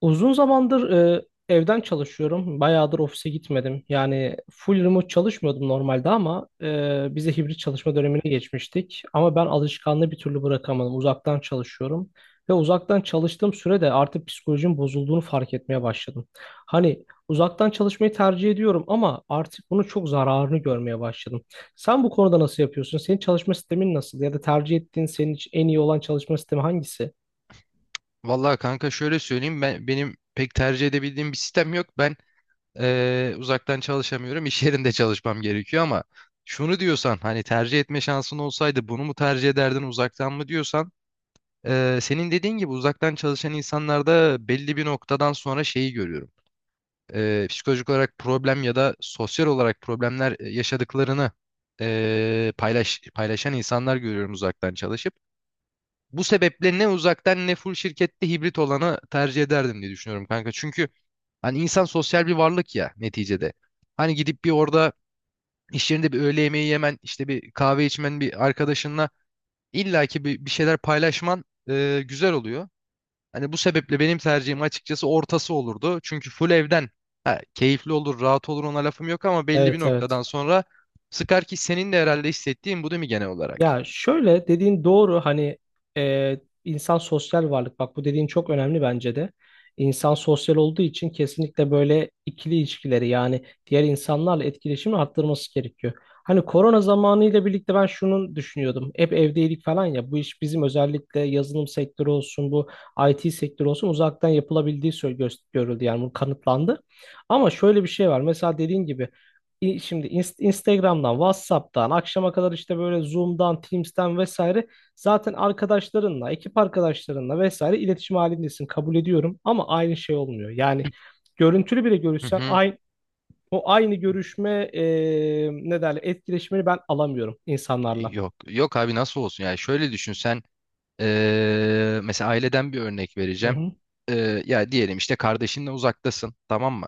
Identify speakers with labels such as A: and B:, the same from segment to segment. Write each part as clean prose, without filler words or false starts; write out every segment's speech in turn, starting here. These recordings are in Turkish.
A: Uzun zamandır evden çalışıyorum. Bayağıdır ofise gitmedim. Yani full remote çalışmıyordum normalde ama bize hibrit çalışma dönemine geçmiştik. Ama ben alışkanlığı bir türlü bırakamadım. Uzaktan çalışıyorum. Ve uzaktan çalıştığım sürede artık psikolojim bozulduğunu fark etmeye başladım. Hani uzaktan çalışmayı tercih ediyorum ama artık bunun çok zararını görmeye başladım. Sen bu konuda nasıl yapıyorsun? Senin çalışma sistemin nasıl? Ya da tercih ettiğin senin için en iyi olan çalışma sistemi hangisi?
B: Vallahi kanka şöyle söyleyeyim ben benim pek tercih edebildiğim bir sistem yok. Ben uzaktan çalışamıyorum. İş yerinde çalışmam gerekiyor ama şunu diyorsan hani tercih etme şansın olsaydı bunu mu tercih ederdin uzaktan mı diyorsan senin dediğin gibi uzaktan çalışan insanlarda belli bir noktadan sonra şeyi görüyorum. Psikolojik olarak problem ya da sosyal olarak problemler yaşadıklarını paylaşan insanlar görüyorum uzaktan çalışıp. Bu sebeple ne uzaktan ne full şirkette hibrit olanı tercih ederdim diye düşünüyorum kanka. Çünkü hani insan sosyal bir varlık ya neticede. Hani gidip bir orada iş yerinde bir öğle yemeği yemen, işte bir kahve içmen bir arkadaşınla illaki bir şeyler paylaşman güzel oluyor. Hani bu sebeple benim tercihim açıkçası ortası olurdu. Çünkü full evden ha, keyifli olur, rahat olur ona lafım yok ama belli bir
A: Evet,
B: noktadan
A: evet.
B: sonra sıkar ki senin de herhalde hissettiğin bu değil mi genel olarak?
A: Ya, şöyle dediğin doğru. Hani insan sosyal varlık, bak, bu dediğin çok önemli bence de. İnsan sosyal olduğu için kesinlikle böyle ikili ilişkileri, yani diğer insanlarla etkileşimi arttırması gerekiyor. Hani korona zamanıyla birlikte ben şunu düşünüyordum. Hep evdeydik falan ya, bu iş bizim, özellikle yazılım sektörü olsun, bu IT sektörü olsun, uzaktan yapılabildiği görüldü, yani bu kanıtlandı. Ama şöyle bir şey var, mesela dediğin gibi, şimdi Instagram'dan, WhatsApp'tan, akşama kadar işte böyle Zoom'dan, Teams'ten vesaire zaten arkadaşlarınla, ekip arkadaşlarınla vesaire iletişim halindesin. Kabul ediyorum ama aynı şey olmuyor. Yani görüntülü bile
B: Hı
A: görüşsen
B: hı.
A: aynı o aynı görüşme ne derler, etkileşimini ben alamıyorum insanlarla.
B: Yok yok abi nasıl olsun yani şöyle düşün sen. Mesela aileden bir örnek
A: Hı
B: vereceğim.
A: hı.
B: Ya diyelim işte kardeşinle uzaktasın, tamam mı?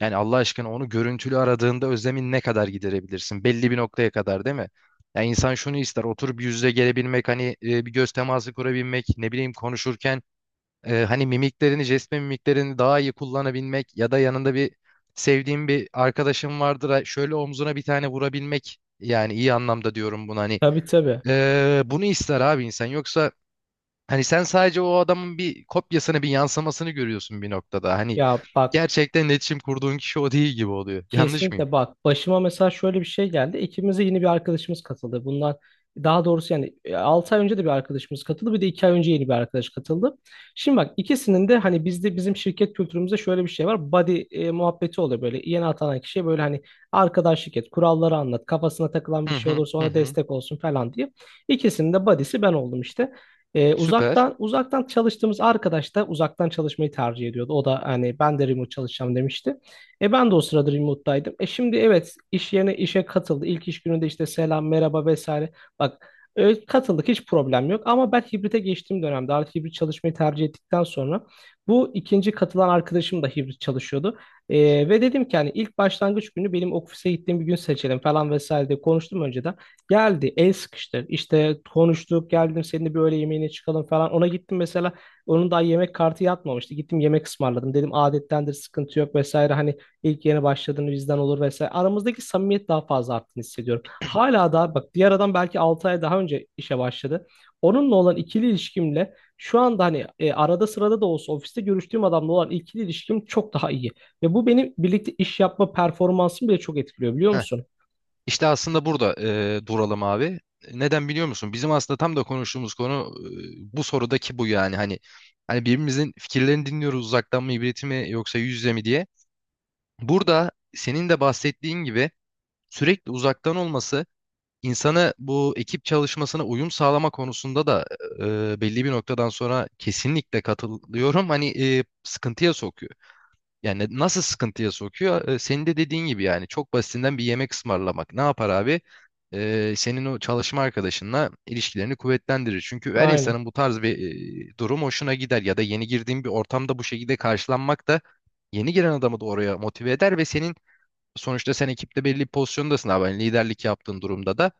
B: Yani Allah aşkına onu görüntülü aradığında özlemin ne kadar giderebilirsin? Belli bir noktaya kadar değil mi? Ya insan şunu ister, oturup yüz yüze gelebilmek, hani bir göz teması kurabilmek, ne bileyim konuşurken hani jest ve mimiklerini daha iyi kullanabilmek ya da yanında bir sevdiğin bir arkadaşın vardır, ha, şöyle omzuna bir tane vurabilmek. Yani iyi anlamda diyorum bunu hani.
A: Tabii, tabii.
B: Bunu ister abi insan. Yoksa hani sen sadece o adamın bir kopyasını, bir yansımasını görüyorsun bir noktada. Hani
A: Ya bak
B: gerçekten iletişim kurduğun kişi o değil gibi oluyor. Yanlış mıyım?
A: Kesinlikle bak, başıma mesela şöyle bir şey geldi. İkimize yeni bir arkadaşımız katıldı. Daha doğrusu yani 6 ay önce de bir arkadaşımız katıldı. Bir de 2 ay önce yeni bir arkadaş katıldı. Şimdi bak, ikisinin de hani bizde şirket kültürümüzde şöyle bir şey var. Buddy muhabbeti oluyor böyle. Yeni atanan kişiye böyle hani arkadaşlık et, kuralları anlat, kafasına takılan bir
B: Hı
A: şey
B: hı
A: olursa
B: hı
A: ona
B: hı.
A: destek olsun falan diye. İkisinin de buddy'si ben oldum işte. E,
B: Süper.
A: uzaktan uzaktan çalıştığımız arkadaş da uzaktan çalışmayı tercih ediyordu. O da hani ben de remote çalışacağım demişti. Ben de o sırada remote'daydım. Şimdi evet, iş yerine, işe katıldı. İlk iş gününde işte selam, merhaba vesaire. Bak, katıldık, hiç problem yok. Ama ben hibrite geçtiğim dönemde, artık hibrit çalışmayı tercih ettikten sonra, bu ikinci katılan arkadaşım da hibrit çalışıyordu. Ve dedim ki hani ilk başlangıç günü benim ofise gittiğim bir gün seçelim falan vesaire diye konuştum önceden. Geldi, el sıkıştı. İşte konuştuk, geldim seninle bir öğle yemeğine çıkalım falan. Ona gittim mesela, onun daha yemek kartı yatmamıştı. Gittim, yemek ısmarladım. Dedim adettendir, sıkıntı yok vesaire. Hani İlk yeni başladığını bizden olur vesaire. Aramızdaki samimiyet daha fazla arttığını hissediyorum. Hala daha bak, diğer adam belki 6 ay daha önce işe başladı. Onunla olan ikili ilişkimle şu anda, hani arada sırada da olsa ofiste görüştüğüm adamla olan ikili ilişkim çok daha iyi. Ve bu benim birlikte iş yapma performansımı bile çok etkiliyor, biliyor
B: Heh.
A: musun?
B: İşte aslında burada duralım abi. Neden biliyor musun? Bizim aslında tam da konuştuğumuz konu bu sorudaki bu yani. Hani birbirimizin fikirlerini dinliyoruz uzaktan mı, hibrit mi yoksa yüz yüze mi diye. Burada senin de bahsettiğin gibi sürekli uzaktan olması insanı bu ekip çalışmasına uyum sağlama konusunda da belli bir noktadan sonra kesinlikle katılıyorum. Hani sıkıntıya sokuyor. Yani nasıl sıkıntıya sokuyor? Senin de dediğin gibi yani çok basitinden bir yemek ısmarlamak. Ne yapar abi? Senin o çalışma arkadaşınla ilişkilerini kuvvetlendirir. Çünkü her
A: Aynen.
B: insanın bu tarz bir durum hoşuna gider ya da yeni girdiğin bir ortamda bu şekilde karşılanmak da yeni giren adamı da oraya motive eder ve senin sonuçta sen ekipte belli bir pozisyondasın abi. Yani liderlik yaptığın durumda da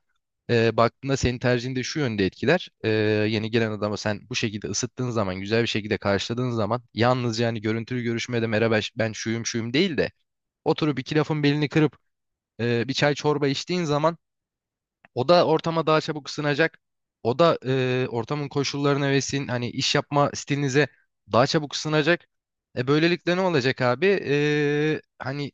B: baktığında senin tercihini şu yönde etkiler. Yeni gelen adama sen bu şekilde ısıttığın zaman, güzel bir şekilde karşıladığın zaman yalnız yani görüntülü görüşmede merhaba ben şuyum şuyum değil de oturup iki lafın belini kırıp bir çay çorba içtiğin zaman o da ortama daha çabuk ısınacak. O da ortamın koşullarına ve sizin hani iş yapma stilinize daha çabuk ısınacak. Böylelikle ne olacak abi? Hani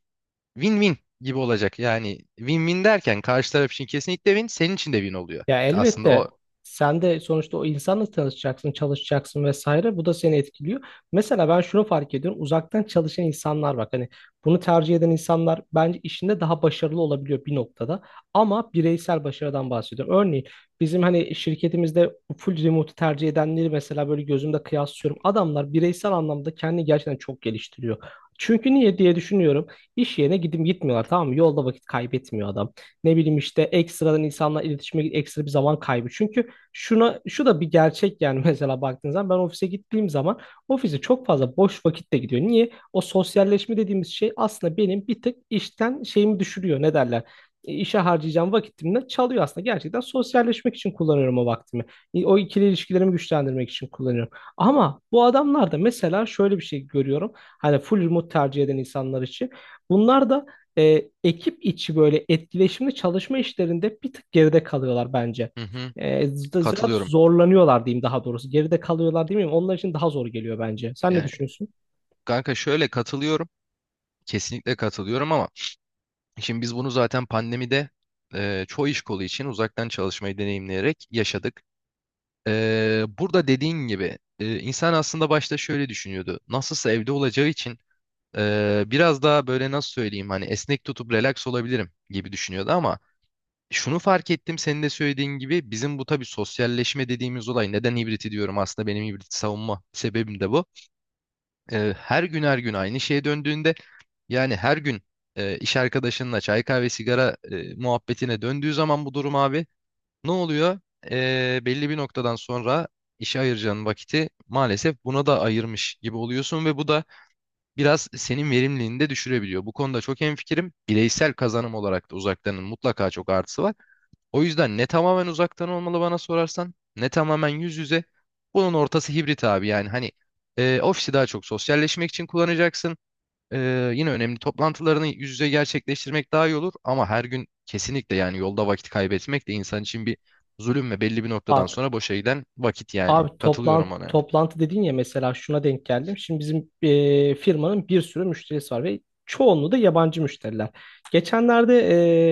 B: win-win gibi olacak. Yani win-win derken karşı taraf için kesinlikle win, senin için de win oluyor
A: Ya
B: aslında o.
A: elbette, sen de sonuçta o insanla tanışacaksın, çalışacaksın vesaire. Bu da seni etkiliyor. Mesela ben şunu fark ediyorum. Uzaktan çalışan insanlar, bak hani, bunu tercih eden insanlar bence işinde daha başarılı olabiliyor bir noktada. Ama bireysel başarıdan bahsediyorum. Örneğin bizim hani şirketimizde full remote tercih edenleri mesela böyle gözümde kıyaslıyorum. Adamlar bireysel anlamda kendini gerçekten çok geliştiriyor. Çünkü niye diye düşünüyorum. İş yerine gidip gitmiyorlar, tamam mı? Yolda vakit kaybetmiyor adam. Ne bileyim işte ekstradan insanla iletişime ekstra bir zaman kaybı. Çünkü şuna, şu da bir gerçek yani mesela baktığınız zaman, ben ofise gittiğim zaman ofise çok fazla boş vakit de gidiyor. Niye? O sosyalleşme dediğimiz şey aslında benim bir tık işten şeyimi düşürüyor. Ne derler? İşe harcayacağım vakitimden çalıyor aslında. Gerçekten sosyalleşmek için kullanıyorum o vaktimi. O ikili ilişkilerimi güçlendirmek için kullanıyorum. Ama bu adamlar da mesela şöyle bir şey görüyorum. Hani full remote tercih eden insanlar için. Bunlar da ekip içi böyle etkileşimli çalışma işlerinde bir tık geride kalıyorlar bence.
B: Hı hı,
A: Biraz
B: katılıyorum.
A: zorlanıyorlar diyeyim, daha doğrusu. Geride kalıyorlar değil mi? Onlar için daha zor geliyor bence. Sen ne
B: Yani
A: düşünüyorsun?
B: kanka şöyle katılıyorum. Kesinlikle katılıyorum ama şimdi biz bunu zaten pandemide çoğu iş kolu için uzaktan çalışmayı deneyimleyerek yaşadık. Burada dediğin gibi insan aslında başta şöyle düşünüyordu. Nasılsa evde olacağı için biraz daha böyle nasıl söyleyeyim hani esnek tutup relax olabilirim gibi düşünüyordu ama şunu fark ettim senin de söylediğin gibi bizim bu tabii sosyalleşme dediğimiz olay neden hibrit diyorum aslında benim hibrit savunma sebebim de bu. Her gün her gün aynı şeye döndüğünde yani her gün iş arkadaşınla çay kahve sigara muhabbetine döndüğü zaman bu durum abi ne oluyor? Belli bir noktadan sonra işe ayıracağın vakiti maalesef buna da ayırmış gibi oluyorsun ve bu da biraz senin verimliliğini de düşürebiliyor. Bu konuda çok hemfikirim. Bireysel kazanım olarak da uzaktanın mutlaka çok artısı var. O yüzden ne tamamen uzaktan olmalı bana sorarsan ne tamamen yüz yüze. Bunun ortası hibrit abi yani hani ofisi daha çok sosyalleşmek için kullanacaksın. Yine önemli toplantılarını yüz yüze gerçekleştirmek daha iyi olur ama her gün kesinlikle yani yolda vakit kaybetmek de insan için bir zulüm ve belli bir noktadan
A: Bak
B: sonra boşa giden vakit yani.
A: abi,
B: Katılıyorum
A: toplantı
B: ona.
A: toplantı dedin ya, mesela şuna denk geldim. Şimdi bizim firmanın bir sürü müşterisi var ve çoğunluğu da yabancı müşteriler. Geçenlerde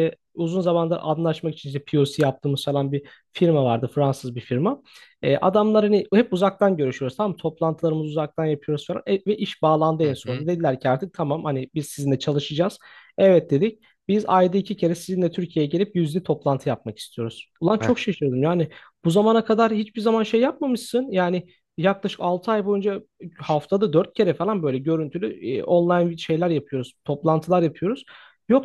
A: uzun zamandır anlaşmak için işte POC yaptığımız falan bir firma vardı. Fransız bir firma. Adamlar hani hep uzaktan görüşüyoruz, tamam mı? Toplantılarımızı uzaktan yapıyoruz falan. Ve iş bağlandı en
B: Hı hı.
A: sonunda. Dediler ki artık tamam, hani biz sizinle çalışacağız. Evet dedik. Biz ayda 2 kere sizinle Türkiye'ye gelip yüzde toplantı yapmak istiyoruz. Ulan
B: Heh.
A: çok şaşırdım. Yani bu zamana kadar hiçbir zaman şey yapmamışsın. Yani yaklaşık 6 ay boyunca haftada 4 kere falan böyle görüntülü online şeyler yapıyoruz. Toplantılar yapıyoruz.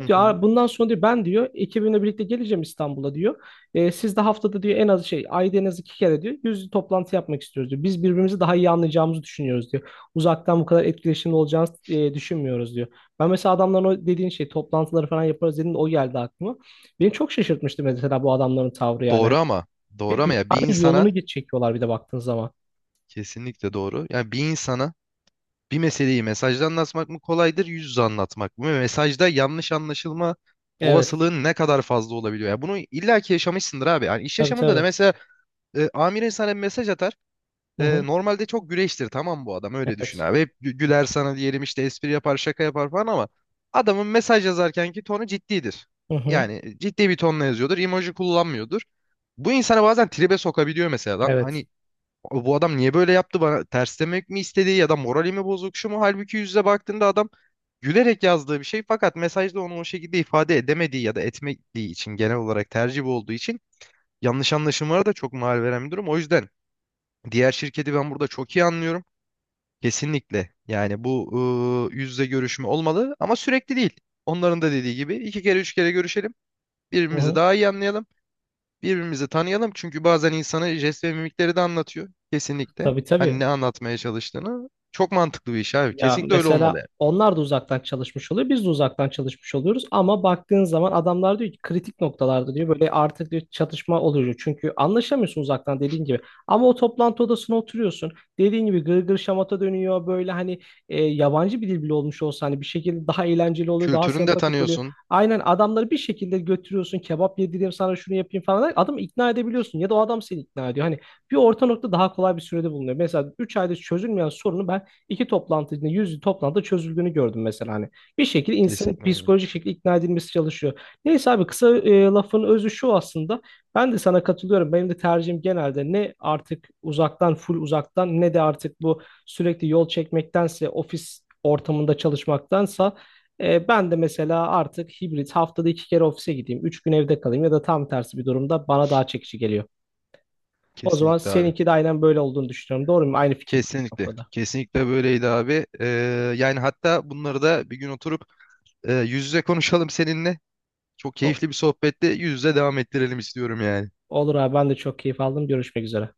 B: Hı
A: diyor,
B: hı.
A: "Aa, bundan sonra diyor, ben diyor ekibimle birlikte geleceğim İstanbul'a diyor. Siz de haftada diyor en az şey, ayda en az 2 kere diyor, yüzlü toplantı yapmak istiyoruz diyor. Biz birbirimizi daha iyi anlayacağımızı düşünüyoruz diyor. Uzaktan bu kadar etkileşimli olacağını düşünmüyoruz diyor. Ben mesela adamların o dediğin şey, toplantıları falan yaparız dediğinde o geldi aklıma. Beni çok şaşırtmıştı mesela bu adamların tavrı yani.
B: Doğru ama
A: Ve
B: doğru ama ya bir
A: dünyanın
B: insana
A: yolunu geç çekiyorlar bir de baktığın zaman.
B: kesinlikle doğru. Yani bir insana bir meseleyi mesajda anlatmak mı kolaydır, yüz yüze anlatmak mı? Ve mesajda yanlış anlaşılma
A: Evet.
B: olasılığın ne kadar fazla olabiliyor? Ya bunu illaki yaşamışsındır abi. Yani iş
A: Tabii,
B: yaşamında da
A: tabii.
B: mesela amirin sana bir mesaj atar.
A: Hı hı.
B: Normalde çok güreştir tamam bu adam öyle düşün
A: Evet.
B: abi. Hep güler sana diyelim işte espri yapar şaka yapar falan ama adamın mesaj yazarkenki tonu ciddidir.
A: Hı hı.
B: Yani ciddi bir tonla yazıyordur. Emoji kullanmıyordur. Bu insana bazen tribe sokabiliyor mesela lan.
A: Evet.
B: Hani bu adam niye böyle yaptı bana ters demek mi istedi ya da moralimi bozuk şu mu? Halbuki yüzle baktığında adam gülerek yazdığı bir şey fakat mesajda onu o şekilde ifade edemediği ya da etmediği için genel olarak tercih bu olduğu için yanlış anlaşılmalara da çok mal veren bir durum. O yüzden diğer şirketi ben burada çok iyi anlıyorum. Kesinlikle yani bu yüzle görüşme olmalı ama sürekli değil. Onların da dediği gibi iki kere üç kere görüşelim
A: Hı
B: birbirimizi
A: hı.
B: daha iyi anlayalım. Birbirimizi tanıyalım çünkü bazen insana jest ve mimikleri de anlatıyor. Kesinlikle.
A: Tabii,
B: Hani
A: tabii.
B: ne anlatmaya çalıştığını. Çok mantıklı bir iş abi.
A: Ya
B: Kesinlikle öyle olmalı
A: mesela
B: yani.
A: onlar da uzaktan çalışmış oluyor, biz de uzaktan çalışmış oluyoruz ama baktığın zaman adamlar diyor ki, kritik noktalarda diyor böyle artık diyor çatışma oluyor. Çünkü anlaşamıyorsun uzaktan, dediğin gibi. Ama o toplantı odasına oturuyorsun. Dediğin gibi gırgır şamata dönüyor böyle, hani yabancı bir dil bile olmuş olsa hani bir şekilde daha eğlenceli oluyor, daha
B: Kültürünü de
A: sempatik oluyor.
B: tanıyorsun.
A: Aynen, adamları bir şekilde götürüyorsun, kebap yedireyim sana, şunu yapayım falan derken adamı ikna edebiliyorsun ya da o adam seni ikna ediyor. Hani bir orta nokta daha kolay bir sürede bulunuyor. Mesela 3 ayda çözülmeyen sorunu ben 2 toplantı içinde, yüz toplantıda çözüldüğünü gördüm mesela hani. Bir şekilde insanın
B: Kesinlikle abi.
A: psikolojik şekilde ikna edilmesi çalışıyor. Neyse abi, kısa lafın özü şu aslında. Ben de sana katılıyorum. Benim de tercihim, genelde ne artık uzaktan, full uzaktan, ne de artık bu sürekli yol çekmektense ofis ortamında çalışmaktansa, ben de mesela artık hibrit, haftada 2 kere ofise gideyim. 3 gün evde kalayım ya da tam tersi bir durumda bana daha çekici geliyor. O zaman
B: Kesinlikle abi.
A: seninki de aynen böyle olduğunu düşünüyorum. Doğru mu? Aynı fikirde o
B: Kesinlikle.
A: konuda.
B: Kesinlikle böyleydi abi. Yani hatta bunları da bir gün oturup yüz yüze konuşalım seninle. Çok
A: O-
B: keyifli bir sohbette yüz yüze devam ettirelim istiyorum yani.
A: Olur abi, ben de çok keyif aldım. Görüşmek üzere.